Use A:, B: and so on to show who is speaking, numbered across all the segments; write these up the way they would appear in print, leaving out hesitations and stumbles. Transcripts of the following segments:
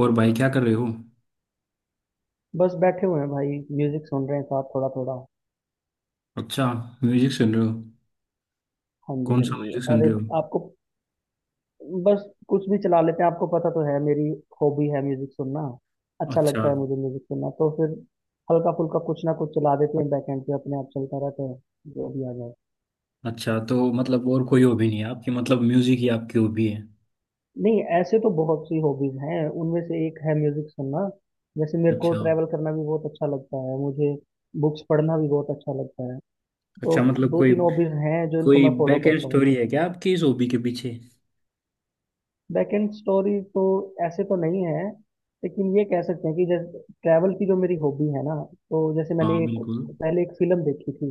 A: और भाई क्या कर रहे हो।
B: बस बैठे हुए हैं भाई। म्यूजिक सुन रहे हैं साथ थोड़ा थोड़ा।
A: अच्छा, म्यूजिक सुन रहे हो।
B: हाँ जी,
A: कौन
B: हाँ
A: सा
B: जी,
A: म्यूजिक सुन
B: अरे
A: रहे हो।
B: आपको, बस कुछ भी चला लेते हैं, आपको पता तो है मेरी हॉबी है म्यूजिक सुनना। अच्छा
A: अच्छा।
B: लगता है मुझे म्यूजिक सुनना, तो फिर हल्का फुल्का कुछ ना कुछ चला देते हैं, बैकएंड पे अपने आप चलता रहता है, जो भी आ जाए।
A: अच्छा तो मतलब और कोई हॉबी नहीं है आपकी, मतलब म्यूजिक ही आपकी हॉबी है।
B: नहीं, ऐसे तो बहुत सी हॉबीज हैं, उनमें से एक है म्यूजिक सुनना। जैसे मेरे को
A: अच्छा।
B: ट्रैवल करना भी बहुत अच्छा लगता है, मुझे बुक्स पढ़ना भी बहुत अच्छा लगता है। तो
A: अच्छा मतलब
B: दो
A: कोई
B: तीन हॉबीज हैं जो इनको
A: कोई
B: मैं फॉलो
A: बैक एंड
B: करता हूँ।
A: स्टोरी है क्या आपकी इस हॉबी के पीछे।
B: बैकएंड स्टोरी तो ऐसे तो नहीं है, लेकिन ये कह सकते हैं कि जैसे ट्रैवल की जो मेरी हॉबी है ना, तो जैसे
A: हाँ
B: मैंने एक,
A: बिल्कुल।
B: पहले एक फिल्म देखी थी।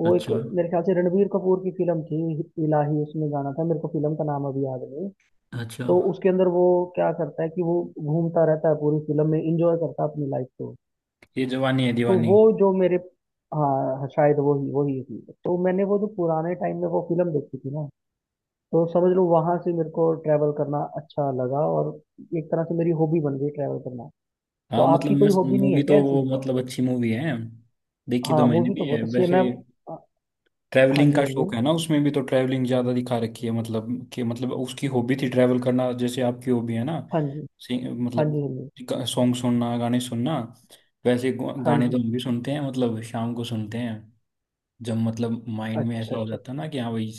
B: वो एक,
A: अच्छा।
B: मेरे ख्याल से रणबीर कपूर की फिल्म थी। इलाही उसमें गाना था, मेरे को फिल्म का नाम अभी याद नहीं।
A: अच्छा।
B: तो उसके अंदर वो, क्या करता है कि वो घूमता रहता है पूरी फिल्म में, इंजॉय करता है अपनी लाइफ को।
A: ये जवानी है
B: तो
A: दीवानी।
B: वो जो मेरे, हाँ शायद वही वही थी, तो मैंने वो जो पुराने टाइम में वो फिल्म देखी थी ना, तो समझ लो वहां से मेरे को ट्रैवल करना अच्छा लगा और एक तरह से मेरी हॉबी बन गई ट्रैवल करना।
A: हाँ
B: तो
A: मतलब
B: आपकी कोई
A: मस्त
B: हॉबी नहीं है
A: मूवी,
B: क्या
A: तो वो
B: ऐसी?
A: मतलब अच्छी मूवी है। देखी तो
B: हाँ
A: मैंने
B: मूवी तो
A: भी है
B: बहुत अच्छी है।
A: वैसे।
B: मैं, हाँ
A: ट्रैवलिंग
B: जी,
A: का
B: हाँ जी,
A: शौक है ना, उसमें भी तो ट्रैवलिंग ज्यादा दिखा रखी है, मतलब कि मतलब उसकी हॉबी थी ट्रैवल करना, जैसे आपकी हॉबी है ना।
B: हाँ जी,
A: सिंग
B: हाँ जी, हाँ जी,
A: मतलब सॉन्ग सुनना, गाने सुनना। वैसे
B: हाँ
A: गाने तो
B: जी।
A: हम भी सुनते हैं, मतलब शाम को सुनते हैं। जब मतलब माइंड
B: अच्छा
A: में
B: अच्छा
A: ऐसा हो
B: अच्छा।
A: जाता है ना कि हाँ भाई,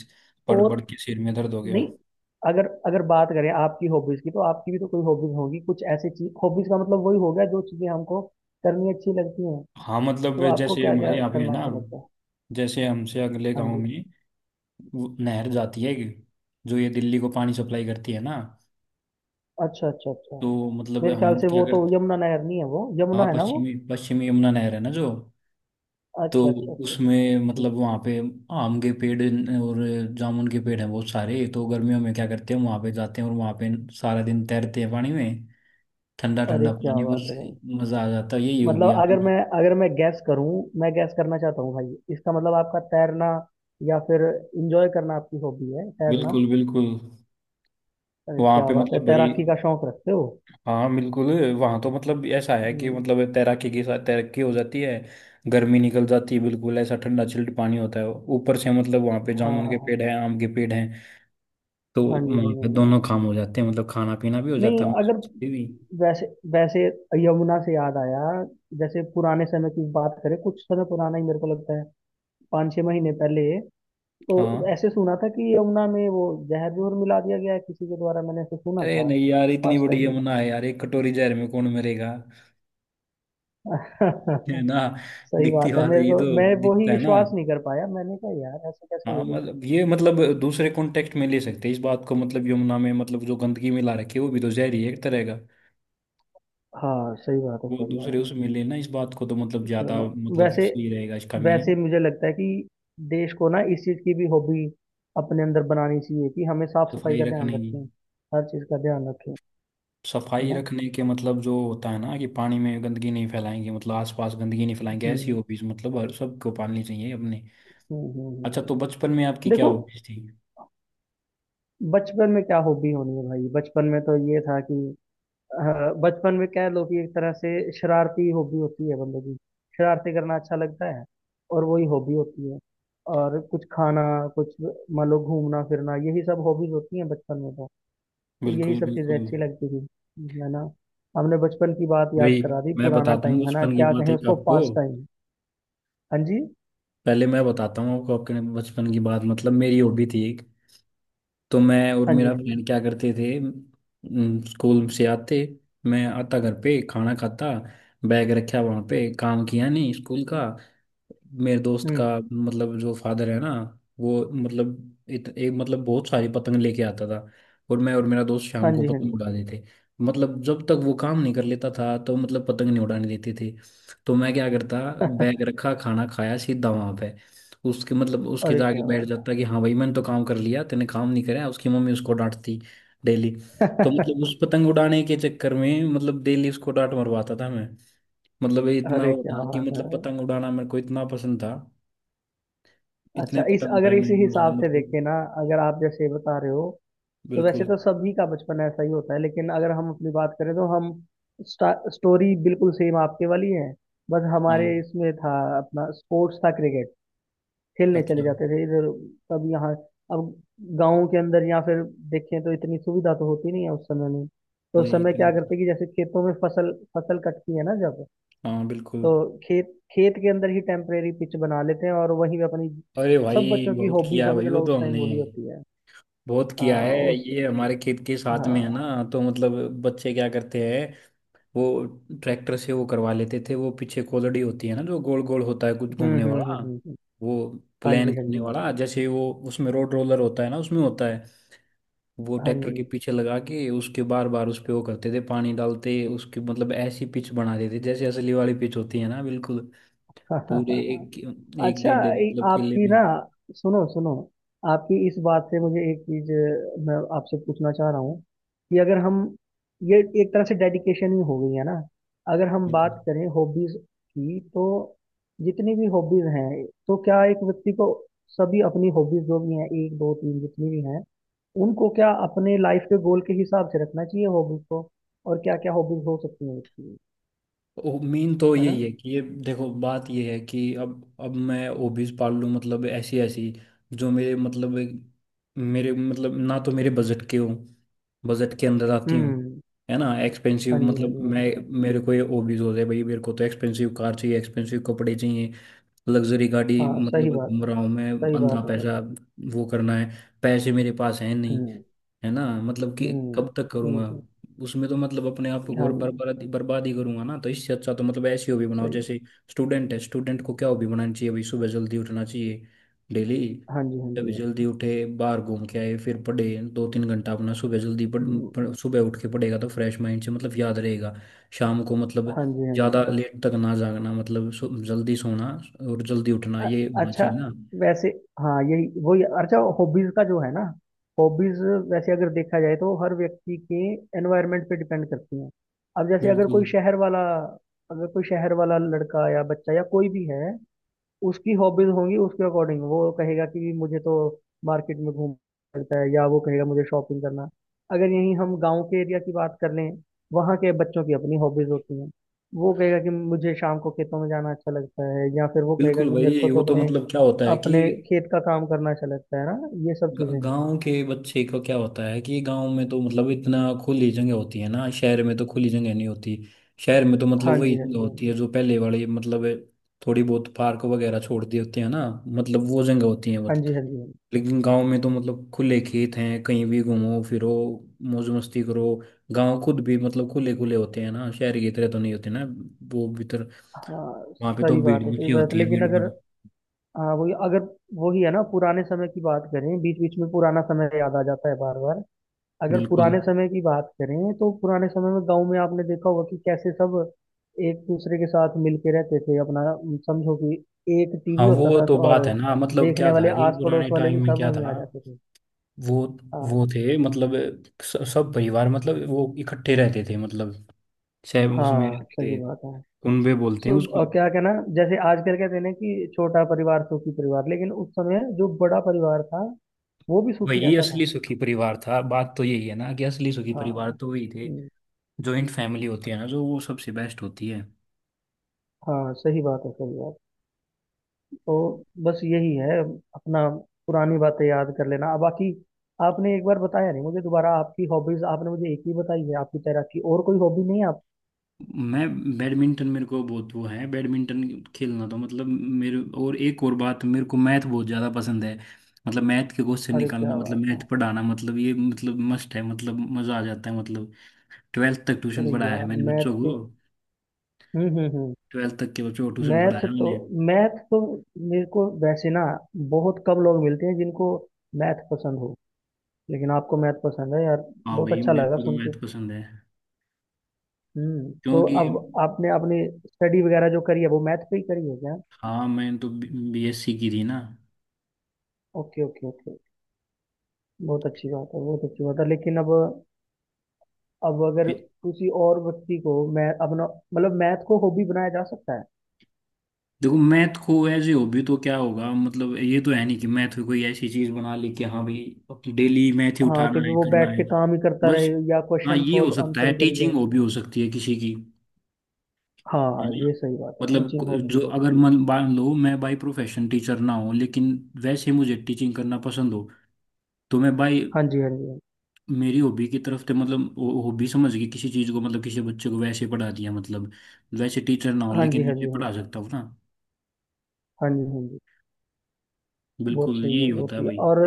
A: पढ़
B: और
A: पढ़ के सिर में दर्द हो गया।
B: नहीं, अगर अगर बात करें आपकी हॉबीज की, तो आपकी भी तो कोई हॉबीज होगी, कुछ ऐसी चीज। हॉबीज का मतलब वही हो गया, जो चीजें हमको करनी अच्छी लगती हैं।
A: हाँ मतलब
B: तो आपको
A: जैसे
B: क्या
A: हमारे
B: क्या
A: यहाँ पे है
B: करना
A: ना,
B: अच्छा लगता है?
A: जैसे हमसे अगले
B: हाँ
A: गांव
B: जी।
A: में वो नहर जाती है एक, जो ये दिल्ली को पानी सप्लाई करती है ना,
B: अच्छा अच्छा अच्छा।
A: तो मतलब
B: मेरे ख्याल
A: हम
B: से
A: क्या
B: वो तो
A: करते।
B: यमुना नहर नहीं है, वो यमुना
A: हाँ
B: है ना वो।
A: पश्चिमी पश्चिमी यमुना नहर है ना जो। तो
B: अच्छा अच्छा अच्छा अच्छा।
A: उसमें मतलब
B: ठीक।
A: वहाँ पे आम के पेड़ और जामुन के पेड़ हैं बहुत सारे, तो गर्मियों में क्या करते हैं, वहाँ पे जाते हैं और वहाँ पे सारा दिन तैरते हैं पानी में। ठंडा
B: अरे
A: ठंडा
B: क्या
A: पानी,
B: बात
A: बस
B: है भाई।
A: मज़ा आ जाता है, यही हो
B: मतलब
A: गया।
B: अगर मैं गैस करूं, मैं गैस करना चाहता हूं भाई, इसका मतलब आपका तैरना या फिर एंजॉय करना, आपकी हॉबी है तैरना।
A: बिल्कुल बिल्कुल।
B: अरे
A: वहाँ
B: क्या
A: पे
B: बात है,
A: मतलब भाई,
B: तैराकी का शौक रखते हो।
A: हाँ बिल्कुल, वहाँ तो मतलब ऐसा है कि
B: हम्म,
A: मतलब तैराकी के साथ तैराकी हो जाती है, गर्मी निकल जाती है। बिल्कुल ऐसा ठंडा चिल्ड पानी होता है, ऊपर से मतलब वहाँ पे
B: हाँ
A: जामुन
B: हाँ
A: के
B: हाँ।
A: पेड़ हैं, आम के पेड़ हैं, तो
B: हाँ जी, हाँ
A: वहाँ
B: जी,
A: पे
B: हाँ जी।
A: दोनों काम हो जाते हैं, मतलब खाना पीना भी हो जाता
B: नहीं
A: है,
B: अगर,
A: मस्ती भी।
B: वैसे वैसे यमुना से याद आया। जैसे पुराने समय की बात करें, कुछ समय पुराना ही मेरे को लगता है, 5-6 महीने पहले। तो
A: हाँ,
B: ऐसे सुना था कि यमुना में वो जहर भी और मिला दिया गया है किसी के द्वारा, मैंने ऐसे सुना
A: अरे
B: था
A: नहीं यार, इतनी
B: पास टाइम
A: बड़ी
B: में।
A: यमुना है यार, एक कटोरी जहर में कौन मरेगा, है ना।
B: सही
A: दिखती
B: बात है,
A: बात
B: मेरे
A: ये
B: को
A: तो,
B: मैं वो ही
A: दिखता है ना।
B: विश्वास नहीं कर पाया, मैंने कहा यार ऐसा कैसे
A: हाँ
B: हो गया।
A: मतलब ये मतलब दूसरे कॉन्टेक्स्ट में ले सकते हैं इस बात को, मतलब यमुना में मतलब जो गंदगी मिला रखी है वो भी तो जहर ही है एक तरह का।
B: हाँ सही बात है
A: वो
B: सही
A: दूसरे
B: बात है।
A: उसमें लेना इस बात को तो मतलब ज्यादा
B: चलो,
A: मतलब
B: वैसे
A: सही रहेगा इसका
B: वैसे
A: मीनिंग।
B: मुझे लगता है कि देश को ना इस चीज की भी हॉबी अपने अंदर बनानी चाहिए, कि हमें साफ सफाई
A: सफाई
B: का ध्यान
A: रखने की,
B: रखें, हर चीज का ध्यान रखें। है
A: सफाई
B: ना।
A: रखने के मतलब जो होता है ना कि पानी में गंदगी नहीं फैलाएंगे, मतलब आसपास गंदगी नहीं फैलाएंगे, ऐसी
B: हम्म,
A: हॉबीज मतलब हर सबको पालनी चाहिए अपने।
B: हम्म, हम्म,
A: अच्छा तो बचपन में आपकी क्या
B: देखो,
A: हॉबीज थी।
B: बचपन में क्या हॉबी होनी है भाई, बचपन में तो ये था कि, हाँ, बचपन में कह लो कि एक तरह से शरारती हॉबी होती है बंदे की। शरारती करना अच्छा लगता है, और वही हॉबी होती है। और कुछ खाना, कुछ, मान लो घूमना फिरना, यही सब हॉबीज होती हैं बचपन में तो। तो यही
A: बिल्कुल
B: सब चीजें
A: बिल्कुल।
B: अच्छी लगती थी। है ना। हमने बचपन की बात याद
A: भाई
B: करा दी,
A: मैं
B: पुराना
A: बताता हूँ
B: टाइम है ना,
A: बचपन की
B: क्या
A: बात
B: कहें
A: एक
B: उसको,
A: आपको,
B: पास टाइम। हाँ जी,
A: पहले मैं बताता हूँ आपको अपने बचपन की बात, मतलब मेरी हॉबी थी एक। तो मैं और
B: हाँ जी,
A: मेरा
B: हाँ जी।
A: फ्रेंड क्या करते थे स्कूल से आते, मैं आता घर पे खाना खाता, बैग रखा, वहाँ पे काम किया नहीं स्कूल का। मेरे दोस्त का
B: हम्म।
A: मतलब जो फादर है ना, वो मतलब एक मतलब बहुत सारी पतंग लेके आता था, और मैं और मेरा दोस्त
B: हाँ
A: शाम को
B: जी, हाँ
A: पतंग
B: जी।
A: उड़ाते थे। मतलब जब तक वो काम नहीं कर लेता था तो मतलब पतंग नहीं उड़ाने देते थे। तो मैं क्या करता, बैग रखा, खाना खाया, सीधा वहां पे उसके मतलब उसके
B: अरे
A: जाके
B: क्या
A: बैठ
B: बात।
A: जाता कि हाँ भाई मैंने तो काम कर लिया, तेने काम नहीं करा, उसकी मम्मी उसको डांटती डेली। तो मतलब उस पतंग उड़ाने के चक्कर में मतलब डेली उसको डांट मरवाता था। मतलब ये इतना
B: अरे
A: वो
B: क्या
A: था कि
B: बात
A: मतलब
B: है।
A: पतंग उड़ाना मेरे को इतना पसंद था, इतने
B: अच्छा इस,
A: पतंग उड़ाए
B: अगर इसी
A: मैंने उसने
B: हिसाब से
A: मतलब।
B: देखें ना, अगर आप जैसे बता रहे हो, तो वैसे
A: बिल्कुल।
B: तो सभी का बचपन ऐसा ही होता है, लेकिन अगर हम अपनी बात करें तो हम, स्टोरी बिल्कुल सेम आपके वाली है। बस
A: हाँ।
B: हमारे इसमें था अपना, स्पोर्ट्स था क्रिकेट, खेलने चले
A: अच्छा।
B: जाते थे इधर, कभी यहाँ। अब गाँव के अंदर या फिर देखें तो इतनी सुविधा तो होती नहीं है उस समय में। तो उस
A: नहीं
B: समय
A: इतनी।
B: क्या करते कि जैसे खेतों में फसल, फसल कटती है ना जब,
A: हाँ बिल्कुल।
B: तो खेत, खेत के अंदर ही टेम्परेरी पिच बना लेते हैं और वहीं पे अपनी,
A: अरे
B: सब
A: भाई
B: बच्चों की
A: बहुत
B: हॉबी
A: किया है
B: समझ
A: भाई वो
B: लो
A: तो
B: उस टाइम
A: हमने,
B: वही होती है।
A: बहुत
B: आ,
A: किया है,
B: उस,
A: ये हमारे खेत के साथ में है
B: हाँ।
A: ना, तो मतलब बच्चे क्या करते हैं वो ट्रैक्टर से वो करवा लेते थे। वो पीछे कोलड़ी होती है ना, जो गोल गोल होता है, कुछ
B: हम्म,
A: घूमने
B: हम्म, हम्म,
A: वाला,
B: हम्म।
A: वो
B: हाँ
A: प्लान
B: जी, हाँ
A: करने
B: जी,
A: वाला, जैसे वो उसमें रोड रोलर होता है ना, उसमें होता है वो।
B: हाँ
A: ट्रैक्टर के
B: जी।
A: पीछे लगा के उसके बार बार उस पे वो करते थे, पानी डालते उसके, मतलब ऐसी पिच बना देते जैसे असली वाली पिच होती है ना बिल्कुल। पूरे एक, एक
B: अच्छा।
A: डेढ़ मतलब किले
B: आपकी
A: में।
B: ना, सुनो सुनो, आपकी इस बात से मुझे एक चीज, मैं आपसे पूछना चाह रहा हूँ कि अगर हम, ये एक तरह से डेडिकेशन ही हो गई है ना, अगर हम
A: बिल्कुल
B: बात करें हॉबीज की, तो जितनी भी हॉबीज हैं, तो क्या एक व्यक्ति को सभी अपनी हॉबीज, जो भी हैं, एक दो तीन, जितनी भी हैं, उनको क्या अपने लाइफ के गोल के हिसाब से रखना चाहिए हॉबीज को, और क्या क्या हॉबीज हो सकती हैं व्यक्ति की?
A: मीन तो
B: है ना।
A: यही है कि ये देखो बात ये है कि अब मैं हॉबीज पाल लूँ मतलब ऐसी ऐसी जो मेरे मतलब, मेरे मतलब ना तो मेरे बजट के हों, बजट के अंदर आती हूँ,
B: हम्म।
A: है ना
B: हाँ
A: एक्सपेंसिव,
B: जी, हाँ
A: मतलब
B: जी, हाँ
A: मैं,
B: जी।
A: मेरे को ये हॉबीज हो जाए भाई मेरे को तो एक्सपेंसिव कार चाहिए, एक्सपेंसिव कपड़े चाहिए, लग्जरी गाड़ी
B: हाँ,
A: मतलब घूम रहा हूँ मैं,
B: सही बात
A: अंदना
B: है सर।
A: पैसा वो करना है, पैसे मेरे पास है नहीं,
B: हुँ,
A: है ना, मतलब कि
B: हुँ,
A: कब तक करूँगा।
B: हुँ, हुँ।
A: उसमें तो मतलब अपने आप को
B: हाँ
A: और
B: जी,
A: बर्बाद बर्बाद ही करूंगा ना, तो इससे अच्छा तो मतलब ऐसी हॉबी बनाओ,
B: सही।
A: जैसे स्टूडेंट है, स्टूडेंट को क्या हॉबी बनानी चाहिए भाई, सुबह जल्दी उठना चाहिए डेली।
B: हाँ जी, हाँ
A: सुबह
B: जी।
A: जल्दी उठे, बाहर घूम के आए, फिर पढ़े, दो तीन घंटा अपना सुबह जल्दी पढ़,
B: हुँ,
A: पढ़, सुबह उठ के पढ़ेगा तो फ्रेश माइंड से मतलब याद रहेगा। शाम को मतलब
B: हाँ जी, हाँ जी, हाँ
A: ज़्यादा
B: जी।
A: लेट तक ना जागना, मतलब सो, जल्दी सोना और जल्दी उठना,
B: अ
A: ये होना
B: अच्छा,
A: चाहिए ना।
B: वैसे, हाँ, यही वही अच्छा हॉबीज़ का जो है ना, हॉबीज़, वैसे अगर देखा जाए तो हर व्यक्ति के एनवायरनमेंट पे डिपेंड करती हैं। अब जैसे अगर
A: बिल्कुल
B: कोई शहर वाला अगर कोई शहर वाला लड़का या बच्चा या कोई भी है, उसकी हॉबीज होंगी उसके अकॉर्डिंग, वो कहेगा कि मुझे तो मार्केट में घूमना पड़ता है, या वो कहेगा मुझे शॉपिंग करना। अगर यहीं हम गांव के एरिया की बात कर लें, वहाँ के बच्चों की अपनी हॉबीज होती हैं। वो कहेगा कि मुझे शाम को खेतों में जाना अच्छा लगता है, या फिर वो कहेगा
A: बिल्कुल
B: कि मेरे
A: भाई,
B: को
A: वो
B: तो
A: तो
B: अपने
A: मतलब क्या होता है कि
B: अपने खेत का काम करना अच्छा लगता है ना, ये सब चीज़ें हैं।
A: गांव के बच्चे का क्या होता है कि गांव में तो मतलब इतना खुली जगह होती है ना, शहर में तो खुली जगह नहीं होती। शहर में तो मतलब
B: हाँ
A: वही
B: जी, हाँ
A: जगह
B: जी, हाँ
A: होती है
B: जी।
A: जो पहले वाली मतलब थोड़ी बहुत पार्क वगैरह छोड़ दी होती है ना, मतलब वो जगह होती है।
B: हाँ जी, हाँ जी, हाँ जी।
A: लेकिन गांव में तो मतलब खुले खेत हैं, कहीं भी घूमो फिरो, मौज मस्ती करो। गांव खुद भी मतलब खुले खुले होते हैं ना, शहर की तरह तो नहीं होते ना वो भीतर।
B: हाँ,
A: वहां पे तो
B: सही
A: भीड़
B: बात है सही
A: मची
B: बात
A: होती
B: है,
A: है,
B: लेकिन
A: भीड़
B: अगर,
A: भाड़।
B: हाँ वही अगर, वही है ना, पुराने समय की बात करें, बीच बीच में पुराना समय याद आ जाता है बार बार। अगर
A: बिल्कुल।
B: पुराने समय की बात करें, तो पुराने समय में गांव में आपने देखा होगा कि कैसे सब एक दूसरे के साथ मिलके रहते थे अपना, समझो कि एक टीवी
A: हाँ
B: होता
A: वो
B: था
A: तो
B: और
A: बात है ना, मतलब
B: देखने
A: क्या
B: वाले
A: था कि
B: आस पड़ोस
A: पुराने
B: वाले भी
A: टाइम में
B: सब
A: क्या
B: वहीं
A: था
B: आ जाते थे।
A: वो
B: हाँ।
A: वो थे मतलब सब परिवार मतलब वो इकट्ठे रहते थे, मतलब शहर उसमें
B: हाँ
A: रहते
B: सही
A: थे,
B: बात है।
A: कुनबे बोलते हैं
B: सो,
A: उसको।
B: क्या कहना, जैसे आजकल कहते हैं ना कि छोटा परिवार सुखी परिवार, लेकिन उस समय जो बड़ा परिवार था, वो भी सुखी
A: वही
B: रहता था।
A: असली सुखी परिवार था, बात तो यही है ना कि असली सुखी परिवार
B: हाँ।
A: तो वही थे।
B: हम्म,
A: जॉइंट फैमिली होती है ना जो, वो सबसे बेस्ट होती है।
B: हाँ सही बात है सही बात है। तो बस यही है अपना, पुरानी बातें याद कर लेना, अब बाकी आपने एक बार बताया नहीं मुझे दोबारा, आपकी हॉबीज, आपने मुझे एक ही बताई है, आपकी तैराकी, और कोई हॉबी नहीं है आप?
A: मैं बैडमिंटन, मेरे को बहुत वो है बैडमिंटन खेलना तो मतलब मेरे। और एक और बात, मेरे को मैथ बहुत ज़्यादा पसंद है। मतलब मैथ के क्वेश्चन
B: अरे
A: निकालना,
B: क्या
A: मतलब
B: बात है।
A: मैथ पढ़ाना, मतलब ये मतलब मस्ट है, मतलब मज़ा आ जाता है मतलब। ट्वेल्थ तक ट्यूशन
B: अरे
A: पढ़ाया है
B: यार
A: मैंने
B: मैथ
A: बच्चों
B: के।
A: को,
B: हम्म, हम्म, हम्म।
A: ट्वेल्थ तक के बच्चों को ट्यूशन
B: मैथ
A: पढ़ाया है
B: तो
A: मैंने।
B: मैथ तो मेरे को वैसे ना, बहुत कम लोग मिलते हैं जिनको मैथ पसंद हो, लेकिन आपको मैथ पसंद है यार।
A: हाँ
B: बहुत
A: भाई
B: अच्छा
A: मेरे
B: लगा
A: को तो
B: सुन के।
A: मैथ पसंद है।
B: हम्म, तो
A: क्योंकि
B: अब आपने अपनी स्टडी वगैरह जो करी है, वो मैथ पे ही करी है क्या?
A: हाँ, मैंने तो BSc की थी ना।
B: Okay okay okay. बहुत अच्छी बात है बहुत अच्छी बात है, लेकिन अब अगर किसी और व्यक्ति को मैं अपना, मतलब मैथ को, हॉबी बनाया जा सकता है?
A: देखो मैथ को ऐसे हॉबी तो क्या होगा, मतलब ये तो है नहीं कि मैथ को कोई ऐसी चीज बना ली कि हाँ भाई डेली मैथ ही
B: हाँ कि
A: उठाना है,
B: वो
A: करना
B: बैठ
A: है।
B: के काम ही करता
A: बस
B: रहे या
A: हाँ,
B: क्वेश्चन
A: ये हो
B: सॉल्व,
A: सकता
B: आंसर
A: है,
B: ही करी
A: टीचिंग
B: जाए।
A: हॉबी हो सकती है किसी की,
B: हाँ
A: है
B: हाँ,
A: ना।
B: ये सही बात है,
A: मतलब
B: टीचिंग हॉबी
A: जो
B: हो
A: अगर
B: सकती है।
A: मन मान लो मैं बाई प्रोफेशन टीचर ना हूँ, लेकिन वैसे मुझे टीचिंग करना पसंद हो, तो मैं भाई
B: हाँ जी, हाँ जी,
A: मेरी हॉबी की तरफ से मतलब हॉबी समझ के किसी चीज को मतलब किसी बच्चे को वैसे पढ़ा दिया, मतलब वैसे टीचर ना हो
B: हाँ जी।
A: लेकिन
B: हाँ
A: मुझे
B: जी, हाँ।
A: पढ़ा सकता हूँ ना।
B: हाँ जी, हाँ जी। बहुत
A: बिल्कुल
B: सही
A: यही
B: है बहुत
A: होता है
B: सही है,
A: भाई।
B: और,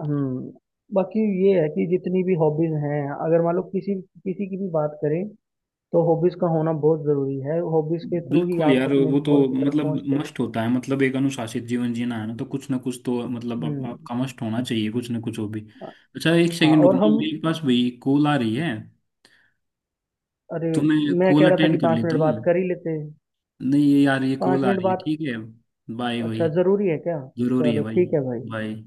B: हम्म, बाकी ये है कि जितनी भी हॉबीज हैं, अगर मान लो किसी किसी की भी बात करें, तो हॉबीज का होना बहुत जरूरी है, हॉबीज के थ्रू ही
A: बिल्कुल
B: आप
A: यार
B: अपने
A: वो तो
B: गोल की तरफ
A: मतलब
B: पहुंचते हो।
A: मस्ट होता है, मतलब एक अनुशासित जीवन जीना है ना, तो कुछ ना कुछ तो मतलब आप,
B: हम्म।
A: आपका मस्ट होना चाहिए कुछ ना कुछ हो भी। अच्छा एक
B: हाँ
A: सेकंड
B: और
A: रुकना,
B: हम,
A: मेरे पास भाई कॉल आ रही है,
B: अरे,
A: तो मैं
B: मैं कह
A: कॉल
B: रहा था कि
A: अटेंड कर
B: पाँच
A: लेता
B: मिनट
A: हूँ।
B: बात कर ही लेते हैं।
A: नहीं ये यार ये कॉल
B: पाँच
A: आ
B: मिनट
A: रही है,
B: बात।
A: ठीक है, बाय भाई।
B: अच्छा ज़रूरी है क्या?
A: जरूरी है
B: चलो
A: भाई।
B: ठीक है भाई।
A: बाय।